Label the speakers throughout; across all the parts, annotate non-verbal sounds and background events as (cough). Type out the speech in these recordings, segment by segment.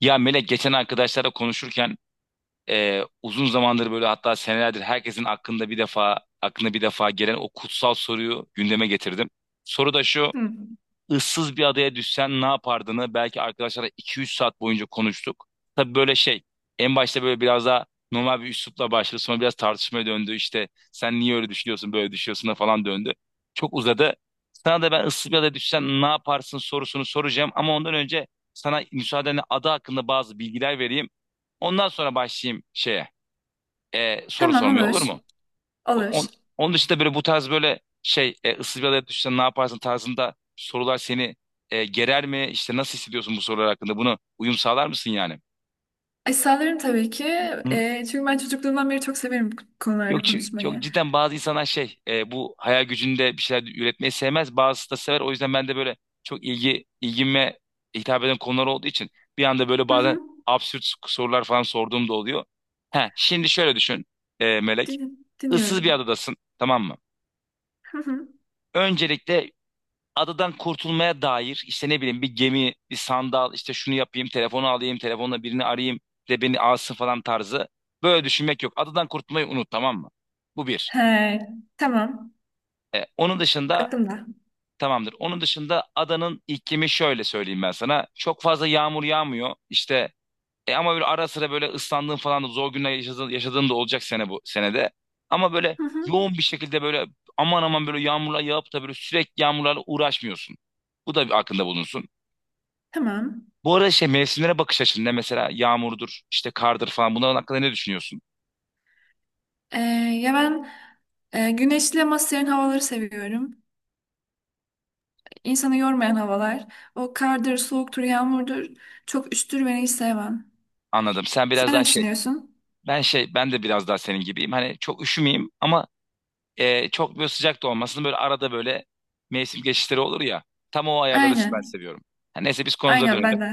Speaker 1: Ya Melek geçen arkadaşlarla konuşurken uzun zamandır böyle, hatta senelerdir herkesin aklında bir defa aklına bir defa gelen o kutsal soruyu gündeme getirdim. Soru da şu:
Speaker 2: Hı.
Speaker 1: ıssız bir adaya düşsen ne yapardığını belki arkadaşlarla 2-3 saat boyunca konuştuk. Tabii böyle şey, en başta böyle biraz daha normal bir üslupla başladı. Sonra biraz tartışmaya döndü. İşte sen niye öyle düşünüyorsun, böyle düşünüyorsun da falan döndü. Çok uzadı. Sana da ben ıssız bir adaya düşsen ne yaparsın sorusunu soracağım. Ama ondan önce sana, müsaadenle, ada hakkında bazı bilgiler vereyim. Ondan sonra başlayayım soru
Speaker 2: Tamam
Speaker 1: sormaya,
Speaker 2: olur.
Speaker 1: olur mu?
Speaker 2: Olur.
Speaker 1: On- Onun dışında böyle, bu tarz böyle ıssız bir adaya düşsen ne yaparsın tarzında sorular seni gerer mi? İşte nasıl hissediyorsun bu sorular hakkında? Bunu uyum sağlar mısın yani?
Speaker 2: E, sağlarım tabii ki.
Speaker 1: Hı.
Speaker 2: E, çünkü ben çocukluğumdan beri çok severim bu konularda
Speaker 1: Yok,
Speaker 2: konuşmayı.
Speaker 1: cidden bazı insanlar bu hayal gücünde bir şeyler üretmeyi sevmez. Bazısı da sever. O yüzden ben de böyle, çok ilgime hitap eden konular olduğu için, bir anda böyle
Speaker 2: Hı
Speaker 1: bazen
Speaker 2: hı.
Speaker 1: absürt sorular falan sorduğum da oluyor. He, şimdi şöyle düşün Melek.
Speaker 2: Din-
Speaker 1: Issız bir
Speaker 2: dinliyorum.
Speaker 1: adadasın, tamam mı?
Speaker 2: Hı hı.
Speaker 1: Öncelikle adadan kurtulmaya dair, işte ne bileyim, bir gemi, bir sandal, işte şunu yapayım, telefonu alayım, telefonla birini arayayım de beni alsın falan tarzı, böyle düşünmek yok. Adadan kurtulmayı unut, tamam mı? Bu bir.
Speaker 2: He, tamam.
Speaker 1: Onun dışında
Speaker 2: Aklımda.
Speaker 1: tamamdır. Onun dışında adanın iklimi, şöyle söyleyeyim ben sana: çok fazla yağmur yağmıyor. İşte ama böyle ara sıra böyle ıslandığın falan da, zor günler yaşadığın da olacak sene, bu senede. Ama böyle
Speaker 2: Hı hı.
Speaker 1: yoğun bir şekilde böyle aman aman böyle yağmurlar yağıp da böyle sürekli yağmurlarla uğraşmıyorsun. Bu da bir aklında bulunsun.
Speaker 2: Tamam.
Speaker 1: Bu arada, şey, mevsimlere bakış açında mesela yağmurdur, işte kardır falan, bunların hakkında ne düşünüyorsun?
Speaker 2: E, ya ben güneşli ama serin havaları seviyorum. İnsanı yormayan havalar. O kardır, soğuktur, yağmurdur. Çok üşütür beni, hiç sevmem.
Speaker 1: Anladım. Sen biraz
Speaker 2: Sen
Speaker 1: daha
Speaker 2: ne
Speaker 1: şey,
Speaker 2: düşünüyorsun?
Speaker 1: ben şey, Ben de biraz daha senin gibiyim. Hani çok üşümeyeyim ama çok böyle sıcak da olmasın. Böyle arada böyle mevsim geçişleri olur ya. Tam o ayarları ben
Speaker 2: Aynen.
Speaker 1: seviyorum. Ha, neyse biz konumuza
Speaker 2: Aynen
Speaker 1: dönelim.
Speaker 2: ben de.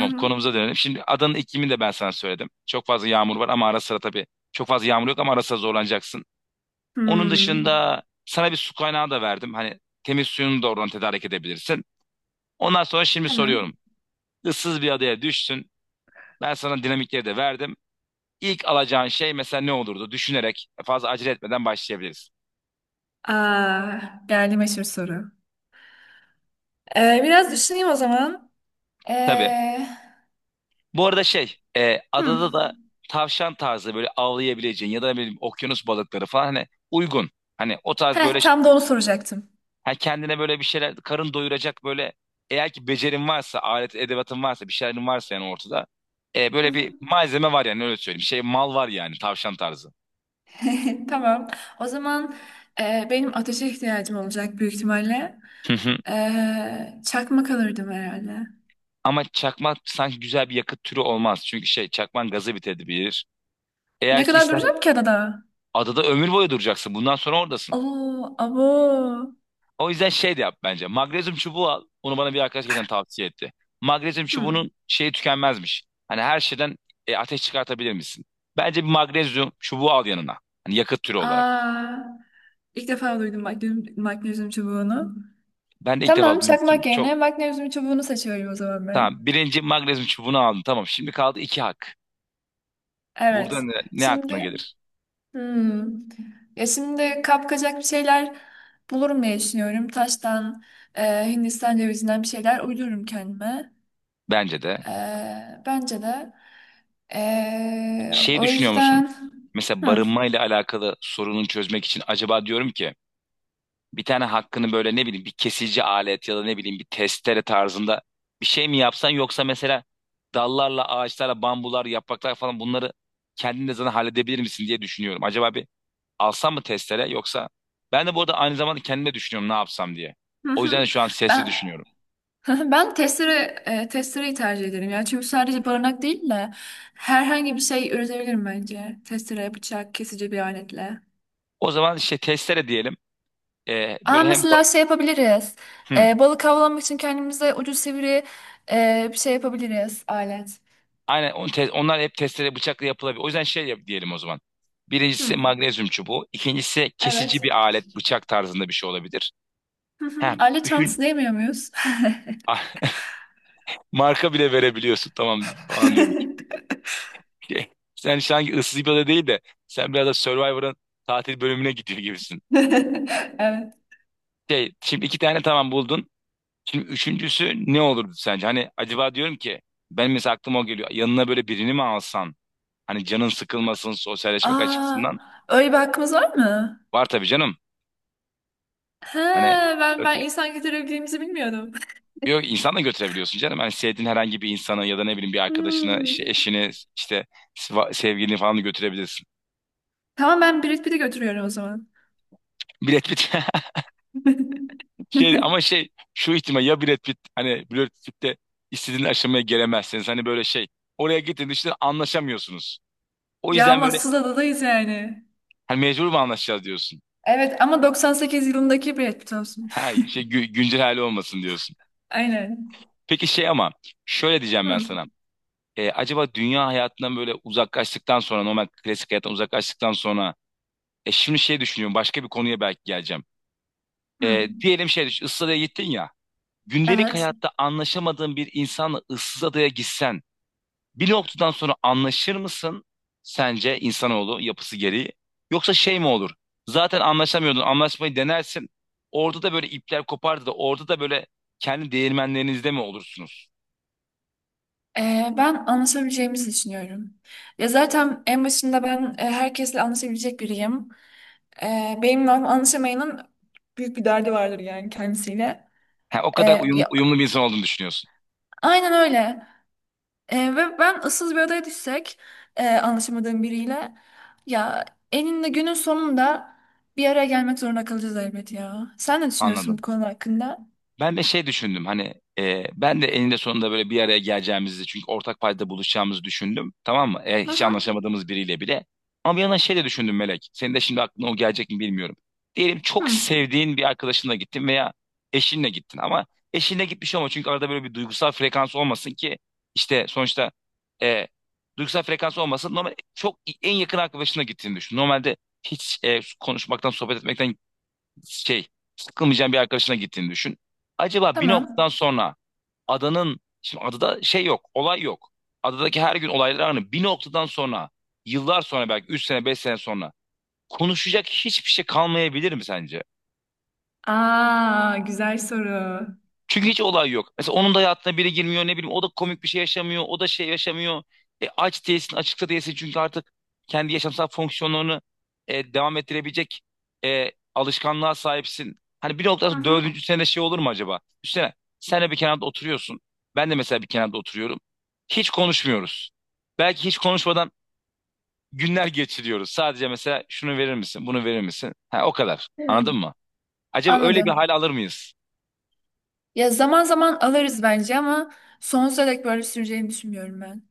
Speaker 2: Hı hı.
Speaker 1: konumuza dönelim. Şimdi adanın iklimini de ben sana söyledim. Çok fazla yağmur var ama ara sıra tabii, çok fazla yağmur yok ama ara sıra zorlanacaksın. Onun
Speaker 2: Hmm.
Speaker 1: dışında sana bir su kaynağı da verdim. Hani temiz suyunu da oradan tedarik edebilirsin. Ondan sonra şimdi soruyorum:
Speaker 2: Tamam.
Speaker 1: ıssız bir adaya düştün. Ben sana dinamikleri de verdim. İlk alacağın şey mesela ne olurdu? Düşünerek, fazla acele etmeden başlayabiliriz.
Speaker 2: Aa, geldi meşhur soru. Biraz düşüneyim o zaman.
Speaker 1: Tabii.
Speaker 2: Ee,
Speaker 1: Bu arada
Speaker 2: hmm.
Speaker 1: adada da tavşan tarzı böyle avlayabileceğin, ya da ne bileyim okyanus balıkları falan hani uygun. Hani o tarz
Speaker 2: Heh,
Speaker 1: böyle
Speaker 2: tam da onu soracaktım.
Speaker 1: ha, kendine böyle bir şeyler, karın doyuracak böyle, eğer ki becerin varsa, alet edevatın varsa, bir şeylerin varsa yani. Ortada
Speaker 2: Hı
Speaker 1: böyle
Speaker 2: hı.
Speaker 1: bir malzeme var yani, öyle söyleyeyim. Şey mal var yani, tavşan tarzı.
Speaker 2: (laughs) Tamam. O zaman benim ateşe ihtiyacım olacak büyük ihtimalle.
Speaker 1: (laughs)
Speaker 2: Çakmak alırdım herhalde.
Speaker 1: Ama çakmak sanki güzel bir yakıt türü olmaz. Çünkü çakman gazı bitebilir.
Speaker 2: Ne
Speaker 1: Eğer ki
Speaker 2: kadar
Speaker 1: ister,
Speaker 2: duracağım ki adada?
Speaker 1: adada ömür boyu duracaksın. Bundan sonra oradasın.
Speaker 2: Oo, abo.
Speaker 1: O yüzden şey de yap bence. Magnezyum çubuğu al. Onu bana bir arkadaş geçen tavsiye etti. Magnezyum
Speaker 2: Hmm.
Speaker 1: çubuğunun şeyi tükenmezmiş. Hani her şeyden ateş çıkartabilir misin? Bence bir magnezyum çubuğu al yanına, hani yakıt türü olarak.
Speaker 2: Aa, ilk defa duydum magnezyum, magnezyum çubuğunu.
Speaker 1: Ben de ilk defa
Speaker 2: Tamam,
Speaker 1: duymuştum.
Speaker 2: çakmak yerine
Speaker 1: Çok
Speaker 2: magnezyum çubuğunu seçiyorum o zaman ben.
Speaker 1: tamam. Birinci, magnezyum çubuğunu aldın. Tamam. Şimdi kaldı iki hak. Burada
Speaker 2: Evet.
Speaker 1: ne aklına
Speaker 2: Şimdi
Speaker 1: gelir?
Speaker 2: Hmm. Ya şimdi kapkacak bir şeyler bulurum diye düşünüyorum. Taştan, Hindistan cevizinden bir şeyler uydururum kendime.
Speaker 1: Bence de.
Speaker 2: E, bence de. E,
Speaker 1: Şey
Speaker 2: o
Speaker 1: düşünüyor musun?
Speaker 2: yüzden.
Speaker 1: Mesela
Speaker 2: Hı.
Speaker 1: barınmayla alakalı sorunu çözmek için acaba diyorum ki, bir tane hakkını böyle, ne bileyim, bir kesici alet ya da ne bileyim bir testere tarzında bir şey mi yapsan, yoksa mesela dallarla, ağaçlarla, bambular, yapraklar falan, bunları kendin de zaten halledebilir misin diye düşünüyorum. Acaba bir alsam mı testere, yoksa? Ben de bu arada aynı zamanda kendime düşünüyorum ne yapsam diye.
Speaker 2: Hı
Speaker 1: O yüzden
Speaker 2: hı.
Speaker 1: de şu an sesli
Speaker 2: Ben
Speaker 1: düşünüyorum.
Speaker 2: (laughs) ben testereyi tercih ederim ya. Çünkü sadece barınak değil de herhangi bir şey üretebilirim bence. Testere, bıçak, kesici bir aletle.
Speaker 1: O zaman işte testere diyelim.
Speaker 2: Aa,
Speaker 1: Böyle hem...
Speaker 2: mesela şey yapabiliriz.
Speaker 1: Hı.
Speaker 2: Balık avlanmak için kendimize ucu sivri bir şey yapabiliriz. Alet.
Speaker 1: Aynen, onlar hep testere bıçakla yapılabilir. O yüzden şey yap diyelim o zaman. Birincisi
Speaker 2: Hı,
Speaker 1: magnezyum çubuğu. İkincisi kesici
Speaker 2: evet.
Speaker 1: bir alet, bıçak tarzında bir şey olabilir.
Speaker 2: Hı hı.
Speaker 1: Ha,
Speaker 2: Alet çantası
Speaker 1: üçün...
Speaker 2: diyemiyor muyuz?
Speaker 1: ah, (laughs) marka bile verebiliyorsun, tamam falan diyorum. Şey, Sen sanki ıssız bir ada değil de, sen biraz da Survivor'ın tatil bölümüne gidiyor gibisin.
Speaker 2: (laughs) Evet.
Speaker 1: Şimdi iki tane tamam buldun. Şimdi üçüncüsü ne olurdu sence? Hani acaba diyorum ki, ben mesela aklıma o geliyor, yanına böyle birini mi alsan? Hani canın sıkılmasın, sosyalleşmek
Speaker 2: Aa,
Speaker 1: açısından.
Speaker 2: öyle bir hakkımız var mı?
Speaker 1: Var tabii canım.
Speaker 2: He,
Speaker 1: Hani,
Speaker 2: ben insan getirebildiğimizi bilmiyordum.
Speaker 1: yok, insan da götürebiliyorsun canım. Hani sevdiğin herhangi bir insanı ya da ne bileyim bir arkadaşını, işte
Speaker 2: Hmm.
Speaker 1: eşini, işte sevgilini falan da götürebilirsin.
Speaker 2: Tamam, ben Brad Pitt'i götürüyorum o zaman.
Speaker 1: Brad Pitt. (laughs)
Speaker 2: (laughs)
Speaker 1: Ama şu ihtimal ya, Brad Pitt, hani Brad Pitt'te istediğin aşamaya gelemezseniz, hani böyle şey, oraya gittiğinde işte anlaşamıyorsunuz. O
Speaker 2: Ya
Speaker 1: yüzden böyle,
Speaker 2: massız adadayız yani.
Speaker 1: hani mecbur mu anlaşacağız diyorsun.
Speaker 2: Evet ama 98 yılındaki Brad Pitt olsun.
Speaker 1: Ha, güncel hali olmasın diyorsun.
Speaker 2: (laughs) Aynen.
Speaker 1: Peki ama şöyle diyeceğim ben
Speaker 2: Hı.
Speaker 1: sana. Acaba dünya hayatından böyle uzaklaştıktan sonra, normal klasik hayattan uzaklaştıktan sonra, şimdi düşünüyorum başka bir konuya belki geleceğim.
Speaker 2: Hı.
Speaker 1: Diyelim düşün, ıssız adaya gittin ya. Gündelik
Speaker 2: Evet.
Speaker 1: hayatta anlaşamadığın bir insanla ıssız adaya gitsen, bir noktadan sonra anlaşır mısın sence, insanoğlu yapısı gereği? Yoksa şey mi olur, zaten anlaşamıyordun, anlaşmayı denersin, orada da böyle ipler kopardı da orada da böyle kendi değirmenlerinizde mi olursunuz?
Speaker 2: Ben anlaşabileceğimizi düşünüyorum. Ya zaten en başında ben herkesle anlaşabilecek biriyim. Benimle anlaşamayanın büyük bir derdi vardır yani kendisiyle.
Speaker 1: Ha, o
Speaker 2: Ee,
Speaker 1: kadar
Speaker 2: ya,
Speaker 1: uyumlu bir insan olduğunu düşünüyorsun.
Speaker 2: aynen öyle. Ve ben ıssız bir adaya düşsek anlaşamadığım biriyle, ya eninde günün sonunda bir araya gelmek zorunda kalacağız elbet ya. Sen ne düşünüyorsun bu
Speaker 1: Anladım.
Speaker 2: konu hakkında?
Speaker 1: Ben de düşündüm hani, ben de eninde sonunda böyle bir araya geleceğimizi, çünkü ortak payda buluşacağımızı düşündüm, tamam mı?
Speaker 2: Hı
Speaker 1: Hiç
Speaker 2: hı.
Speaker 1: anlaşamadığımız biriyle bile. Ama bir yandan şey de düşündüm Melek. Senin de şimdi aklına o gelecek mi bilmiyorum. Diyelim çok
Speaker 2: Hı.
Speaker 1: sevdiğin bir arkadaşınla gittin veya eşinle gittin, ama eşinle gitmiş olma, çünkü arada böyle bir duygusal frekans olmasın ki. İşte sonuçta, e, duygusal frekans olmasın. Normal, çok en yakın arkadaşına gittiğini düşün. Normalde hiç konuşmaktan, sohbet etmekten şey sıkılmayacağın bir arkadaşına gittiğini düşün. Acaba bir noktadan
Speaker 2: Tamam.
Speaker 1: sonra, şimdi adada şey yok, olay yok. Adadaki her gün olaylar aynı. Bir noktadan sonra, yıllar sonra, belki 3 sene, 5 sene sonra, konuşacak hiçbir şey kalmayabilir mi sence?
Speaker 2: Aa, güzel soru.
Speaker 1: Çünkü hiç olay yok. Mesela onun da hayatına biri girmiyor, ne bileyim, o da komik bir şey yaşamıyor, o da şey yaşamıyor. Aç değilsin, açıkta değilsin, çünkü artık kendi yaşamsal fonksiyonlarını devam ettirebilecek alışkanlığa sahipsin. Hani bir noktada
Speaker 2: Hı
Speaker 1: sonra,
Speaker 2: hı.
Speaker 1: dördüncü sene şey olur mu acaba? Üstüne sen de bir kenarda oturuyorsun, ben de mesela bir kenarda oturuyorum, hiç konuşmuyoruz. Belki hiç konuşmadan günler geçiriyoruz. Sadece mesela şunu verir misin, bunu verir misin? Ha, o kadar.
Speaker 2: Hmm.
Speaker 1: Anladın mı? Acaba öyle bir
Speaker 2: Anladım.
Speaker 1: hal alır mıyız?
Speaker 2: Ya zaman zaman alırız bence ama sonsuza dek böyle süreceğini düşünmüyorum ben.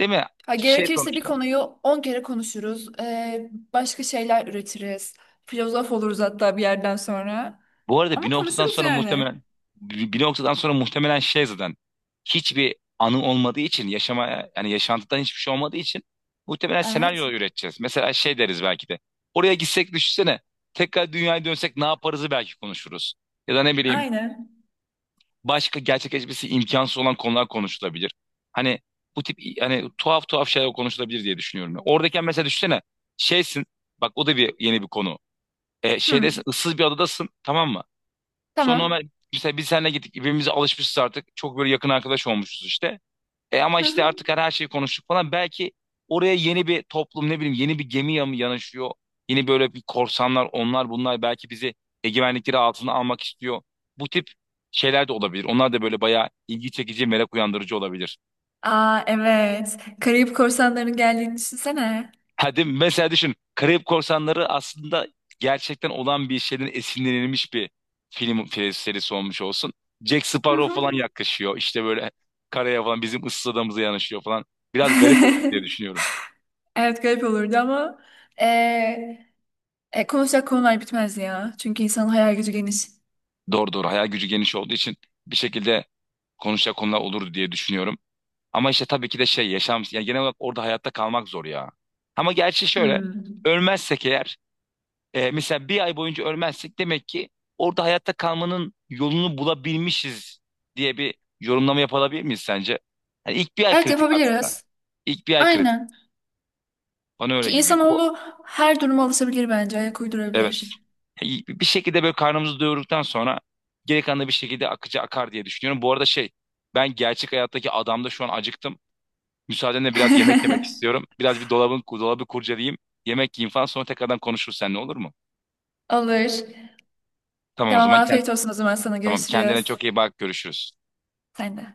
Speaker 1: Değil mi?
Speaker 2: Ha, gerekirse bir
Speaker 1: Sonuçta,
Speaker 2: konuyu 10 kere konuşuruz. Başka şeyler üretiriz. Filozof oluruz hatta bir yerden sonra.
Speaker 1: bu arada bir
Speaker 2: Ama
Speaker 1: noktadan
Speaker 2: konuşuruz
Speaker 1: sonra
Speaker 2: yani.
Speaker 1: muhtemelen, bir noktadan sonra muhtemelen zaten, hiçbir anı olmadığı için yaşama, yani yaşantıdan hiçbir şey olmadığı için, muhtemelen
Speaker 2: Evet.
Speaker 1: senaryo üreteceğiz. Mesela şey deriz belki de: oraya gitsek düşünsene, tekrar dünyaya dönsek ne yaparızı belki konuşuruz. Ya da ne bileyim,
Speaker 2: Aynen.
Speaker 1: başka gerçekleşmesi imkansız olan konular konuşulabilir. Hani bu tip, hani tuhaf tuhaf şeyler konuşulabilir diye düşünüyorum. Oradayken mesela düşünsene, şeysin, bak, o da bir yeni bir konu. E,
Speaker 2: Hı,
Speaker 1: şeyde ıssız bir adadasın, tamam mı? Sonra
Speaker 2: tamam.
Speaker 1: Ömer, mesela biz seninle gittik, birbirimize alışmışız artık, çok böyle yakın arkadaş olmuşuz işte. E ama
Speaker 2: Hı
Speaker 1: işte
Speaker 2: hı.
Speaker 1: artık her şeyi konuştuk falan. Belki oraya yeni bir toplum, ne bileyim, yeni bir gemi yanaşıyor. Yeni böyle bir korsanlar, onlar bunlar, belki bizi egemenlikleri altına almak istiyor. Bu tip şeyler de olabilir. Onlar da böyle bayağı ilgi çekici, merak uyandırıcı olabilir.
Speaker 2: Aa, evet. Karayip korsanlarının geldiğini düşünsene.
Speaker 1: Hadi mesela düşün, Karayip Korsanları aslında gerçekten olan bir şeyden esinlenilmiş bir film serisi olmuş olsun. Jack
Speaker 2: Hı
Speaker 1: Sparrow
Speaker 2: hı.
Speaker 1: falan yaklaşıyor, İşte böyle karaya falan, bizim ıssız adamıza yanaşıyor falan. Biraz garip olur diye
Speaker 2: (laughs)
Speaker 1: düşünüyorum.
Speaker 2: Evet, garip olurdu ama ee, konuşacak konular bitmez ya. Çünkü insanın hayal gücü geniş.
Speaker 1: Doğru, doğru, hayal gücü geniş olduğu için bir şekilde konuşacak konular olurdu diye düşünüyorum. Ama işte tabii ki de şey, yaşam yani genel olarak orada hayatta kalmak zor ya. Ama gerçi şöyle,
Speaker 2: Hmm.
Speaker 1: ölmezsek eğer, mesela 1 ay boyunca ölmezsek, demek ki orada hayatta kalmanın yolunu bulabilmişiz diye bir yorumlama yapabilir miyiz sence? Yani ilk 1 ay
Speaker 2: Evet,
Speaker 1: kritik aslında.
Speaker 2: yapabiliriz.
Speaker 1: İlk 1 ay kritik.
Speaker 2: Aynen.
Speaker 1: Bana öyle
Speaker 2: Ki
Speaker 1: gibi geliyor.
Speaker 2: insanoğlu her duruma alışabilir bence. Ayak
Speaker 1: Evet.
Speaker 2: uydurabilir.
Speaker 1: Yani bir şekilde böyle karnımızı doyurduktan sonra, geri kalan da bir şekilde akıcı akar diye düşünüyorum. Bu arada ben gerçek hayattaki adamda şu an acıktım. Müsaadenle biraz yemek yemek
Speaker 2: (laughs)
Speaker 1: istiyorum. Biraz bir dolabı kurcalayayım. Yemek yiyeyim falan, sonra tekrardan konuşuruz seninle, olur mu?
Speaker 2: Olur.
Speaker 1: Tamam, o
Speaker 2: Tamam,
Speaker 1: zaman
Speaker 2: afiyet olsun o zaman sana.
Speaker 1: tamam, kendine
Speaker 2: Görüşürüz.
Speaker 1: çok iyi bak, görüşürüz.
Speaker 2: Sen de.